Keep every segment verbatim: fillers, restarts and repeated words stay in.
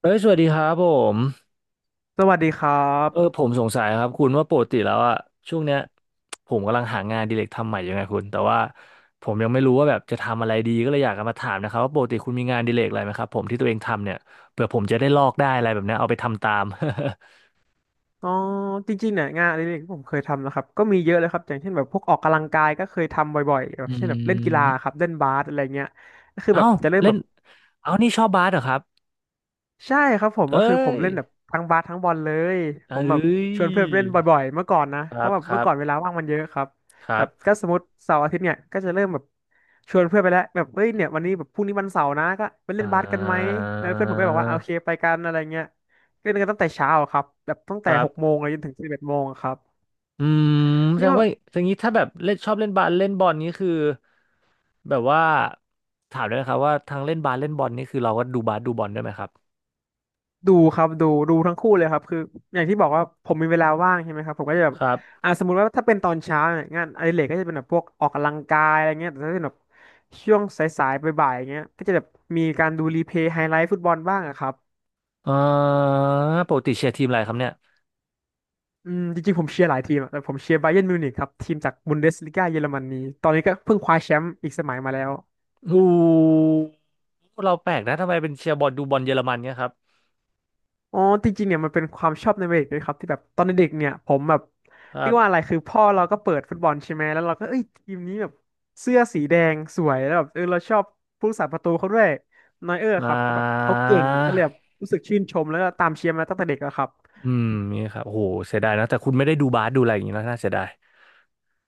เอ้ยสวัสดีครับผมสวัสดีครัเออบผมสงสัยครับคุณว่าปกติแล้วอะช่วงเนี้ยผมกำลังหางานอดิเรกทำใหม่อยู่ไงคุณแต่ว่าผมยังไม่รู้ว่าแบบจะทำอะไรดีก็เลยอยากจะมาถามนะครับว่าปกติคุณมีงานอดิเรกอะไรไหมครับผมที่ตัวเองทำเนี่ยเผื่อผมจะได้ลอกได้อะไรแบบเนี้ยเอาไปทำตาม อ๋อจริงๆเนี่ยงานอดิเรกที่ผมเคยทำนะครับ ก็มีเยอะเลยครับ อย่างเช่นแบบพวกออกกำลังกายก็เคยทำบ่อยๆแบบอืเช่นแบบเล่นกีฬาครัมบ เล่นบาสอะไรเงี้ยก็คือเอ้าแบบจะเริ่มเล่แบนบ เอ้านี่ชอบบาสเหรอครับใช่ครับผมเอ้ก็คือผมยเล่นแบบทั้งบาสทั้งบอลเลยผเอ้มแบบยชวนเพื่อนเล่นบ่อยๆเมื่อก่อนนะคเพรัราะบแบบครัเมื่อก่อนเวบลาว่างมันเยอะครับครัแบบก็บสมมติเสาร์อาทิตย์เนี่ยก็จะเริ่มแบบชวนเพื่อนไปแล้วแบบเอ้ยเนี่ยวันนี้แบบพรุ่งนี้วันเสาร์นะก็ไปเล่นอ่าบาสกันไหมแล้วเพื่อนผมก็บอกว่าโอเคไปกันอะไรเงี้ยเล่นกันตั้งแต่เช้าอะครับแบบตั้งคแต่รัหกโมบ งเลยจนถึงสิบเอ็ดโมงอะครับอืมแสนี่ดงว่า ว่าอย่างนี้ถ้าแบบเล่นชอบเล่นบาสเล่นบอลนี้คือแบบว่าถามด้วยนะครับว่าทางเล่นบาสเล่นบอลนี่คือเราก็ดูบาสดูบอลด้วยไหมครับดูครับดูดูทั้งคู่เลยครับคืออย่างที่บอกว่าผมมีเวลาว่างใช่ไหมครับผมก็จะแบบครับอ่าสมมุติว่าถ้าเป็นตอนเช้าเนี่ยงานอดิเรกก็จะเป็นแบบพวกออกกำลังกายอะไรเงี้ยแต่ถ้าเป็นแบบช่วงสายๆบ่ายๆอย่างเงี้ยก็จะแบบมีการดูรีเพลย์ไฮไลท์ฟุตบอลบ้างอะครับอ่าปกติเชียร์ทีมอะไรครับเนี่ยอืมจริงๆผมเชียร์หลายทีมอะแต่ผมเชียร์บาเยิร์นมิวนิกครับทีมจากบุนเดสลิก้าเยอรมนีตอนนี้ก็เพิ่งคว้าแชมป์อีกสมัยมาแล้ว อูเราแปลกนะทำไมเป็นเชียร์บอลดูบอลเยอรมันเนี่ยครับอ๋อจริงๆเนี่ยมันเป็นความชอบในวัยเด็กด้วยครับที่แบบตอนเด็กๆเนี่ยผมแบบครัเรียกว่าอะไรบคือพ่อเราก็เปิดฟุตบอลใช่ไหมแล้วเราก็เอ้ยทีมนี้แบบเสื้อสีแดงสวยแล้วแบบเออเราชอบผู้รักษาประตูเขาด้วยนอยเออร์คอ่ารับเขาแบบเขาเก่งก็เลยแบบรู้สึกชื่นชมแล้วก็ตามเชียร์มาตั้งแต่เด็กแล้วครับอืมนี่ครับโอ้โหเสียดายนะแต่คุณไม่ได้ดูบาสดูอะไรอย่างนี้นะน่าเสียดาย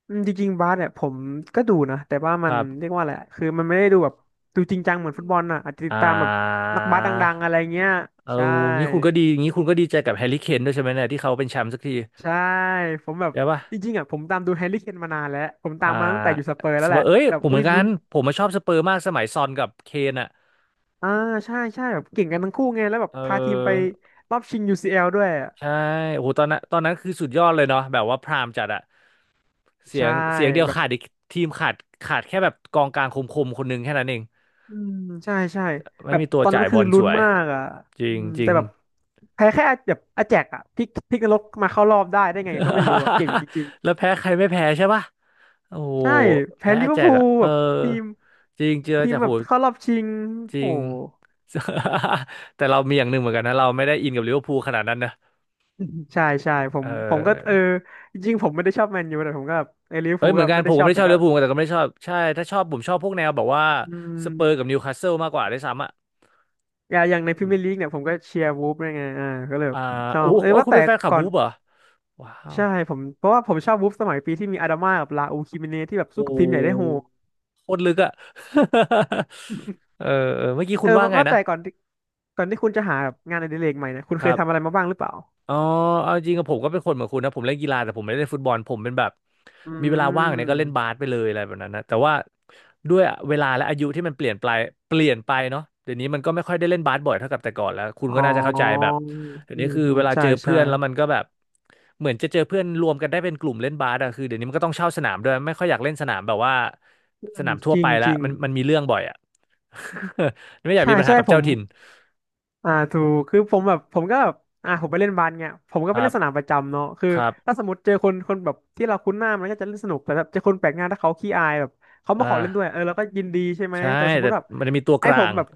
อืมจริงๆบาสเนี่ยผมก็ดูนะแต่ว่าคมันรับเรียกว่าอะไรคือมันไม่ได้ดูแบบดูจริงจังเหมือนฟุตบอลน่ะอาจจะติอ่ดตามแบบา นักบาสดังๆอะไรเงี้ยเอาใช่ งี้คุณก็ดีงี้คุณก็ดีใจกับแฮร์รี่เคนด้วยใช่ไหมเนี่ยที่เขาเป็นแชมป์สักทีใช่ผมแบบได้ปะจริงๆอ่ะผมตามดูแฮร์รี่เคนมานานแล้วผมตาอ่ามมาตั้งแต่อยู่สเปอร์สแล้วเปแหอละร์เอ้ยแบบผมเหเอ้มือยนกัลุ้นนผมมาชอบสเปอร์มากสมัยซอนกับเคนอ่ะอ่าใช่ใช่แบบเก่งกันทั้งคู่ไงแล้วแบบเอพาทีมไปอรอบชิง ยู ซี แอล ด้วยอะใช่โอ้โหตอนนั้นตอนนั้นคือสุดยอดเลยเนาะแบบว่าพรามจัดอะเสียใช่งเสียงเดียวแบบขาดอีกทีมขาดขาดแค่แบบกองกลางคมๆคนหนึงแค่นั้นเองอืมใช่ใช่ไม่แบบมีตัวตอนจ่านั้ยนบคืออลสลุ้นวยมากอ่ะจริอืงมจริแต่ง แบบแพ้แค่แบบอาแจกอ่ะพลิกพลิกนรกมาเข้ารอบได้ได้ไงก็ไม่รู้อ่ะเก่งจริง แล้วแพ้ใครไม่แพ้ใช่ปะโอ้โห ๆใช่แพ้แพ้ลิอาเวอแจร์กพูอ่ะลเอแบอ บทีมจริงเจออาทีมแจากโหแบบเข้ารอบชิงจริโห ง แต่เรามีอย่างหนึ่งเหมือนกันนะเราไม่ได้อินกับลิเวอร์พูลขนาดนั้นนะ ใช่ใช่ผเมผมก็เออออจริงๆผมไม่ได้ชอบแมนยูแต่ผมก็แบบเออลิเวอร์เอ้พูยลเหมือก็นกันไม่ผได้มชก็อไม่บได้แต่ชอบก็ลิเวอร์พูลแต่ก็ไม่ได้ชอบใช่ถ้าชอบผมชอบพวกแนวแบบว่าอืสเปอร์กับมนิวคาสเซิลมากกว่าด้วยซ้ำอ่ะอย่างอย่างในพรีอืมเมียร์ลีกเนี่ยผมก็เชียร์วูฟด้วยไงอ่าก็เลยแบอ่าบชอโอ้บโหเออโอ้ว่าคุณแต่เป็นแฟนคลับก่อวูนฟเหรอว้าว ใช่ผมเพราะว่าผมชอบวูฟสมัยปีที่มีอาดาม่ากับลาอูคิมิเนที่แบบสู้โอ้โกับทีมใหญ่ได้โหดหโคตรลึกอ่ะ เออเออเมื่อกี้เอคุอณว่าว่าไงว่านะแต่ก่อนที่ก่อนที่คุณจะหาแบบงานอดิเรกใหม่เนี่ยคุณคเครัยทำอะไรบ มาบ้างหรือเปล่าอ๋อเอาจริงกับผมก็เป็นคนเหมือนคุณนะผมเล่นกีฬาแต่ผมไม่ได้เล่นฟุตบอลผมเป็นแบบอืมีเวลาว่างเนี่ยก็เล่นบาสมไปเลยอะไรแบบนั้นนะแต่ว่าด้วยเวลาและอายุที่มันเปลี่ยนไปเปลี่ยนไปเนาะเดี๋ยวนี้มันก็ไม่ค่อยได้เล่นบาสบ่อยเท่ากับแต่ก่อนแล้วคุณอ๋ก็อน่าจะเข้าใจแบบอเดี๋ยืวนี้มคืออืมเวลาใช่เจอเพื่ใช่อนแล้วมันก็แบบเหมือนจะเจอเพื่อนรวมกันได้เป็นกลุ่มเล่นบาสอะคือเดี๋ยวนี้มันก็ต้องเช่าสนามด้วยไม่ค่อยอยากเล่นสนามแบบว่าอืสมนามทั่จวริไปงจละริงมันมันมีเรื่องบ่อยอะ ไม่อยากใช่มีปัญหาใช่กับผเจ้าม ถิ่นอ่าถูกคือผมแบบผมก็แบบอ่าผมไปเล่นบาสเนี่ยผมก็คไปรัเล่บนสนามประจำเนาะคือครับถ้าสมมติเจอคนคนแบบที่เราคุ้นหน้ามันก็จะเล่นสนุกแต่แบบเจอคนแปลกหน้าถ้าเขาขี้อายแบบเขาอ่มาขอเล่นด้วยา เออเราก็ยินดีใช่ไหมใช่แต่สมมแต่ติแบบมันจะมีตัวกไอ้ลาผมง แบบ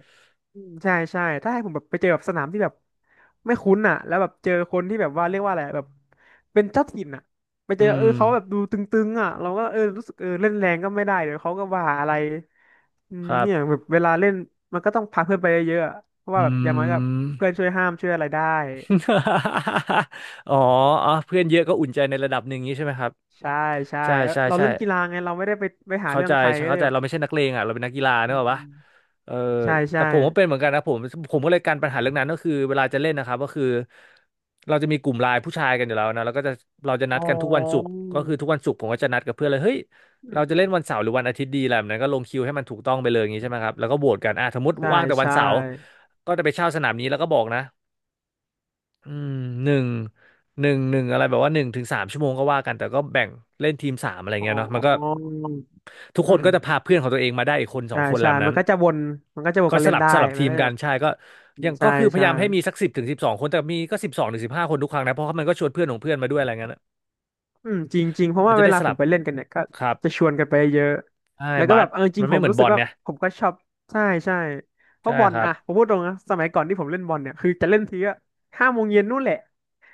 อืมใช่ใช่ถ้าให้ผมแบบไปเจอแบบสนามที่แบบไม่คุ้นอ่ะแล้วแบบเจอคนที่แบบว่าเรียกว่าอะไรแบบเป็นเจ้าถิ่นอ่ะไปอืเจอเอม อเขาแบบดูตึงๆอ่ะเราก็เออรู้สึกเออเล่นแรงก็ไม่ได้เดี๋ยวเขาก็ว่าอะไรอืคมรับ เนี่ยแบบเวลาเล่นมันก็ต้องพาเพื่อนไปเยอะๆอะ เพราะว่าอืแบบอย่างน้อยก็ม เพื่อนช่วยห้ามช่วยอะไรได้ อ๋ออ๋อ เพื่อนเยอะก็อุ่นใจในระดับหนึ่งนี้ใช่ไหมครับ ใช่ใช่ใช่แล้วใช่เราใช่ เล่นกีฬาไงเราไม่ได้ไปไปหาเข้าเรื่อใจงใครก็เลเข้ายใจแบบเราไม่ใช่นักเลงอ่ะเราเป็นนักกีฬาเนอืกอะมปะเออใช่แต่ใช่ผมก็เป็นเหมือนกันนะผมผมก็เลยการปัญหาเรื่องนั้นก็คือเวลาจะเล่นนะครับก็คือเราจะมีกลุ่มไลน์ผู้ชายกันอยู่แล้วนะแล้วก็จะเราจะนัอ๋อดกันทุกวันศุกร์ก็คือทุกวันศุกร์ผมก็จะนัดกับเพื่อนเลยเฮ้ยอืเรามจะเล่นวันเสาร์หรือวันอาทิตย์ดีอะไรแบบนั้นก็ลงคิวให้มันถูกต้องไปเลยอย่างนี้ใช่ไหมครับแล้วก็โหวตกันอ่ะสมมติใช่ว่างแต่วันใช่เสาร์ก็จะไปเช่าสนามนี้แล้วก็บอกนะอืมหนึ่งหนึ่งหนึ่งอะไรแบบว่าหนึ่งถึงสามชั่วโมงก็ว่ากันแต่ก็แบ่งเล่นทีมสามอะไรอ๋อเงี้ยเนาะมันก็ อทุกคืนมก็จะพาเพื่อนของตัวเองมาได้อีกคนสอใช่งคนแหใช่ล้วนั้มันนก็จะวนมันก็จะวนก็กันสเล่นลับได้สลับมันทีมก็จะกัแบนบใช่ก็อืมยังใช่ก็คือพใช่ ยายามให้มีสักสิบถึงสิบสองคนแต่มีก็สิบสองถึงสิบห้าคนทุกครั้งนะเพราะว่ามันก็ชวนเพื่อนของเพื่อนมาด้วยอะไรเงี้ยนะอืมจริงจริงเพราะมันว่าจะเวได้ลาสผลัมบไปเล่นกันเนี่ยก็ครับจะชวนกันไปเยอะใช่แล้วก็บาแบสบเออจมัริงนผไม่มเหมือนรู้บสึอกลว่าเนี่ยผมก็ชอบใช่ใช่เพใช่ราะบอคลรับอะผมพูดตรงนะสมัยก่อนที่ผมเล่นบอลเนี่ยคือจะเล่นทีก็ห้าโมงเย็นนู่นแหละ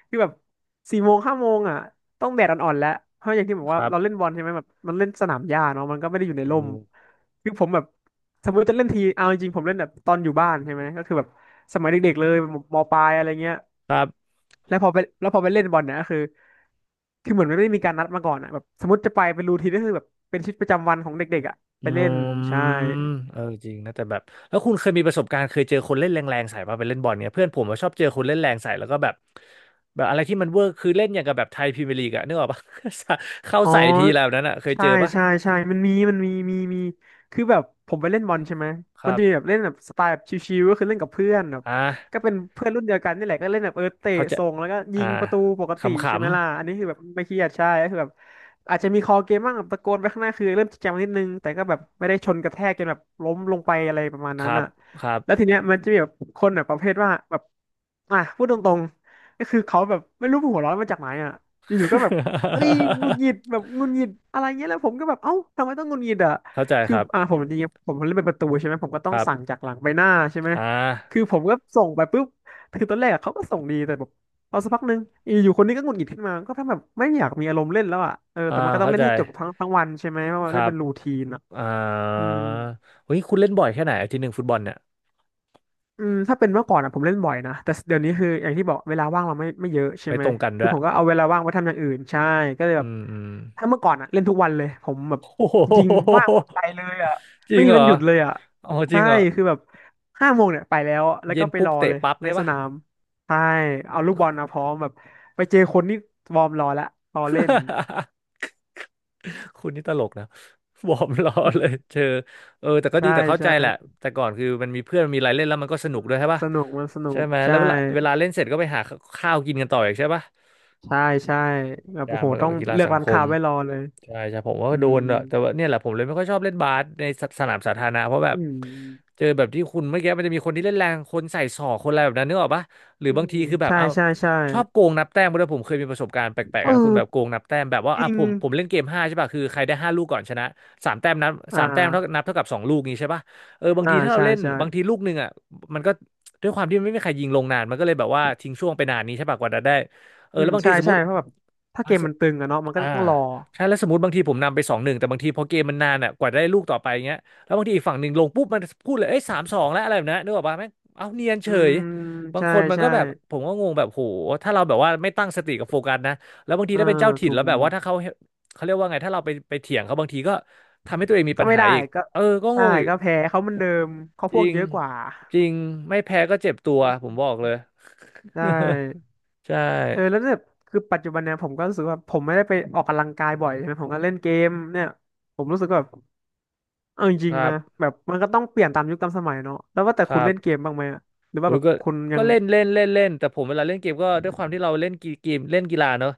คือแบบสี่โมงห้าโมงอะต้องแดดอ่อนๆแล้วเพราะอย่างที่บอกคว่ารัเราเล่บนบอลใช่ไหมแบบมันเล่นสนามหญ้าเนาะมันก็ไม่ได้อยู่ในโอ้ร่โหมคือผมแบบสมมติจะเล่นทีเอาจริงๆผมเล่นแบบตอนอยู่บ้านใช่ไหมก็คือแบบสมัยเด็กๆเลยมมปลายอะไรเงี้ย ครับ แล้วพอไปแล้วพอไปเล่นบอลเนี่ยก็คือ คือเหมือนมันไม่ได้มีการนัดมาก่อนอ่ะแบบสมมติจะไปเป็นรูทีนก็คือแบบเป็นชีวิตประจำวันของเด็กๆอ่ะอืไปเล่นมใช่ เออจริงนะแต่แบบแล้วคุณเคยมีประสบการณ์เคยเจอคนเล่นแรงๆใส่ป่ะไปเล่นบอลเนี่ยเพื่อนผมอะชอบเจอคนเล่นแรงใส่แล้วก็แบบแบบอะไรที่มันเวอร์คือเล่นอย่างกับแบบไทยพรีเมียร์ลีกอะนึกออกปะ เข้าอ๋อใส่ทีแล้วนั้นอะเคยเจใช่อป่ะใช่ใช่มันมีมันมีมีมีคือแบบผมไปเล่นบอลใช่ไหมคมันรัจะมีแบบบเล่นแบบสไตล์แบบชิวๆก็คือเล่นกับเพื่อนแบบอ่ก็าเป็นเพื่อนรุ่นเดียวกันนี่แหละก็เล่นแบบเออเตะเขาจะส่งแล้วก็ยิอ่างประตูปกขติใช่ไหมล่ะำอันนี้คือแบบไม่เครียดใช่ก็คือแบบอาจจะมีคอเกมบ้างแบบตะโกนไปข้างหน้าคือเริ่มจริงจังนิดนึงแต่ก็แบบไม่ได้ชนกระแทกจนแบบล้มลงไปอะไรประมาณๆคนั้รันบอ่ะครับ แล้วทีเนี้ยมันจะมีแบบคนแบบประเภทว่าแบบอ่ะพูดตรงๆก็คือเขาแบบไม่รู้หัวร้อนมาจากไหนอ่ะอยู่ๆก็แบบ เอ้ยหงุดหงิดแบบหงุดหงิดอะไรเงี้ยแล้วผมก็แบบเอ้าทำไมต้องหงุดหงิดอ่ะ เข้าใจคคือรัอ่าผบมจริงๆผมเล่นเป็นประตูใช่ไหมผมก็ต้คองรัสั่งบจากหลังไปหน้าใช่ไหมอ่าคือผมก็ส่งไปปุ๊บคือตอนแรกอะเขาก็ส่งดีแต่แบบพอสักพักหนึ่งอยู่ๆคนนี้ก็หงุดหงิดขึ้นมาก็ทำแบบไม่อยากมีอารมณ์เล่นแล้วอ่ะเอออ่าแต่มันก็ต้องเข้าเล่ใจนให้จบทั้งทั้งวันใช่ไหมเพราะคว่าเล่รันบเป็นรูทีนอ่ะอ่อืาม เฮ้ยคุณเล่นบ่อยแค่ไหนอาทิตย์หนึ่งฟุตบอลเนี่ยอืมถ้าเป็นเมื่อก่อนอ่ะผมเล่นบ่อยนะแต่เดี๋ยวนี้คืออย่างที่บอกเวลาว่างเราไม่ไม่เยอะใช่ไปไหมตรงกันด้คืวอยผมก็เอาเวลาว่างไปทำอย่างอื่นใช่ก็เลยอืแบบมอืม ถ้าเมื่อก่อนอ่ะเล่นทุกวันเลยผมแบบ โอ้โจริงๆว่าหงปุ๊บไปเลยอ่ะจริไม่งมีเหรวัอนหยุดเลยอ่ะอ๋อจริใช่งเหรอคือแบบห้าโมงเนี่ยไปแล้วแล้วเย็ก็นไปปุ๊รบอเตะเลยปั๊บในเงี้ยสปะ นามใช่เอาลูกบอลมาพร้อมแบบไปเจอคนนี่วอร์มรอแล้วรอเล่น คุณนี่ตลกนะ วอร์มล้อเลยเชอเออแต่ ก็ดีใช่แต่เข้าใจใช่แหละแต่ก่อนคือมันมีเพื่อนมีอะไรเล่นแล้วมันก็สนุกด้วยใช่มันปะสนุกมันสนุใช่กไหมแล้ใช่วเวลาเวลาเล่นเสร็จก็ไปหาข้าวกินกันต่ออีกใช่ปะใช่ใช่แบบกาโอ้รโหมันก็ต้องเป็นกีฬาเลือกสังร้าคนค้าม ไว้รอเลยใช่ใช่ผมว่าอืโดม นอะแต่ว่าเนี่ยแหละผมเลยไม่ค่อยชอบเล่นบาสในสสนามสาธารณะเพราะแบอืบมเจอแบบที่คุณเมื่อกี้มันจะมีคนที่เล่นแรงคนใส่ศอกคนอะไรแบบนั้นนึกออกปะหรืออืบางมทีคือแบบใช่เอาใช่ใช่ชอบโกงนับแต้มด้วยผมเคยมีประสบการณ์แปลเกๆนะคุณแบบอโกองนับแต้มแบบว่าจอ่ะริงผมผมเล่นเกมห้าใช่ป่ะคือใครได้ห้าลูกก่อนชนะสามแต้มนับอ่สามแต้มเท่าานับเท่ากับสองลูกนี้ใช่ป่ะเออบางอ่าทีถ้าเราใช่เล่นใช่บางทีลูกหนึ่งอ่ะมันก็ด้วยความที่มันไม่มีใครยิงลงนานมันก็เลยแบบว่าทิ้งช่วงไปนานนี้ใช่ป่ะกว่าจะได้เอออืแล้มวบางใช่ทีสมมใช่ติ เพราะแบบถ้าเกมมันตึงอะเนาะมันก็อ่าต้องรอใช่แล้วสมมติบางทีผมนำไปสองหนึ่งแต่บางทีพอเกมมันนานอ่ะกว่าจะได้ลูกต่อไปเงี้ยแล้วบางทีอีกฝั่งหนึ่งลงปุ๊บมันพูดเลยเอ้ยสามสองแล้วอะไรแบบนั้นนึกออกปะแม่งเอาเนียนเฉอืยมบางใช่คนมันก็ใช่แบบผมก็งงแบบโหถ้าเราแบบว่าไม่ตั้งสติกับโฟกัสนะแล้วบางทีเออถ้าเป็นเจ้าถิ่นถูแล้วแบบกว่าถ้าเขาเขาเรียกว่าไงถ้าเราไปไปเถียงเขาบางทีก็ทำให้ตัวเองมีก็ปัญไม่หาได้อีกก็เออก็งใช่งอีกก็แพ้เขาเหมันเดิมเขาจพวริกงเยอะกว่าจริงไม่แพ้ก็เจ็บตัวอืผมมบอกเลย ใช่ ใช่เออแล้วแบบคือปัจจุบันเนี่ยผมก็รู้สึกว่าผมไม่ได้ไปออกกำลังกายบ่อยใช่ไหมผมก็เล่นเกมเนี่ยผมรู้สึกว่าแบบ เอาจคริงรัๆนะบแบบมันก็ต้องเปลี่ยนตามยุคตามสมัยเนาะแล้วว่าแต่ครัคุณเล่นเกบ มบ้างไหมอะหรือโอ้ว่าแบยบก็คุณยัก็งเล่นเล่นเล่นเล่นแต่ผมเวลาเล่นเกมก็ด้วยความที่เราเล่นกีเกมเล่นกีฬาเนอะ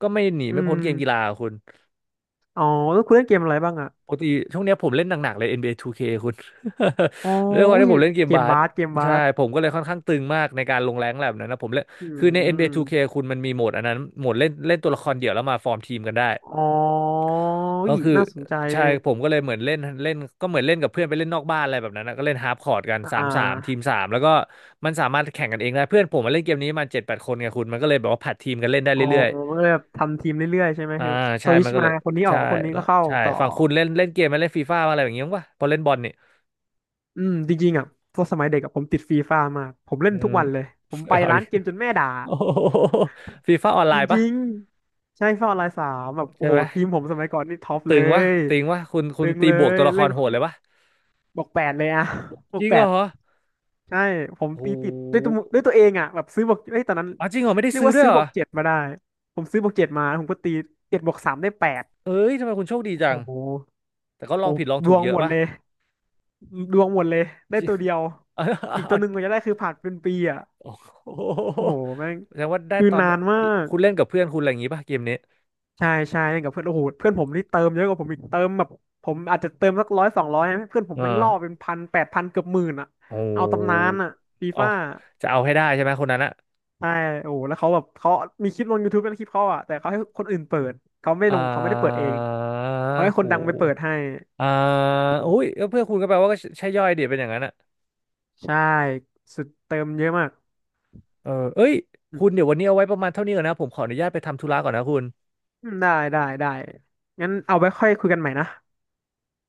ก็ไม่หนีอืไม่พ้มนเกมกีฬาอะคุณอ๋อแล้วคุณเล่นเกมอะไรบ้างอะปกติช่วงเนี้ยผมเล่นหนักๆเลย เอ็น บี เอ ทู เค คคุณ อ๋อ ด้วยความอุ๊ยที่ผมเล่นเกมเกมบาสบาสเกมบาใช่สผมก็เลยค่อนข้างตึงมากในการลงแรงแบบนั้นนะผมเล่นอืคือใน เอ็น บี เอ ทู เค คมคุณมันมีโหมดอันนั้นโหมดเล่นเล่นตัวละครเดี่ยวแล้วมาฟอร์มทีมกันได้ อ๋ออุ๊ก็ยคือน่าสนใจใช่ผมก็เลยเหมือนเล่นเล่นก็เหมือนเล่นกับเพื่อนไปเล่นนอกบ้านอะไรแบบนั้นนะก็เล่นฮาร์ปคอร์ดกันสาอ่มสามทีมาสามแล้วก็มันสามารถแข่งกันเองได้เพื่อนผมมาเล่นเกมนี้มาเจ็ดแปดคนไงคุณมันก็เลยแบบว่าผัดทีมกันเล่นได้อ๋อเรื่อยก็เลยแบบทำทีมเรื่อยๆใช่ไหมๆอ่าคือสใช่วิมัชนก็เลมายคนนี้ออใช่กคนนี้แล้ก็วเข้าใช่ต่อฝั่งคุณเล่นเล่นเกมมาเล่นฟีฟ่าอะไรอย่างเงี้ยป่ะพอเล่นบอลนี่อืมจริงๆอ่ะตอนสมัยเด็กอะผมติดฟรีฟามากผมเล่อืนทุกม วันเลยผม ไปเอาร้าอีนก เกมจนแม่ด่า โอ้ฟีฟ่าออนไลจน์ปะริงๆใช่ฟอร์ไลน์สามแบบใช่โอ้โหไหมทีมผมสมัยก่อนนี่ท็อปเลตึงวะยตึงวะคุณคุณตึงตีเลบวกยตัวละคเล่นรโหดเลยปะบอกแปดเลยอะ บจอกริงแปเหรอดใช่ผมโอ้โตีติดด้วยตัหวด้วยตัวเองอะแบบซื้อบอกเอ้ยตอนนั้นอ๋อจริงเหรอไม่ได้เรียกซื้อว่าด้วยซื้อเหรอบอกเจ็ดมาได้ผมซื้อบอกเจ็ดมาผมก็ตีเจ็ดบอกสามได้แปดเอ้ยทำไมคุณโชคดีจัง โอ้โหแต่ก็ลอโอ้งผิโหดลองดถูวกงเยหอะมดป่ะเลยดวงหมดเลยได้จริง ตัวเดียว เอาอีกตัเอาวหนึ่งกว่าจะได้คือผ่านเป็นปีอะโอ้โหโอ้โหแม่งแสดงว่าได้คือตอนนานมาก คุณเล่นกับเพื่อนคุณอะไรอย่างงี้ป่ะเกมนี้ใช่ใช่เล่นกับเพื่อนโอ้โหเพื่อนผมนี่เติมเยอะกว่าผมอีกเติมแบบผมอาจจะเติมสักร้อยสองร้อยเพื่อนผเอมอแม่งล่อเป็นพันแปดพันเกือบหมื่นอ่ะโอ้โเอาตำนานหอ่ะฟีเอาฟ่าจะเอาให้ได้ใช่ไหมคนนั้นอะใช่โอ้โหแล้วเขาแบบเขามีคลิปลง ยู ทูบ เป็นคลิปเขาอ่ะแต่เขาให้คนอื่นเปิดเขาไม่อ่ลงเขาไม่ได้เปิดเอางเขาให้โคนดังไปเปิหดให้อ่าโอ้โหอุ้ยเพื่อนคุณก็แปลว่าก็ใช่ย่อยเดี๋ยวเป็นอย่างนั้นอะใช่สุดเติมเยอะมากเออเอ้ยคุณเดี๋ยววันนี้เอาไว้ประมาณเท่านี้ก่อนนะผมขออนุญาตไปทำธุระก่อนนะคุณอืมได้ได้ได้งั้นเอาไว้ค่อยคุยกันใหม่นะ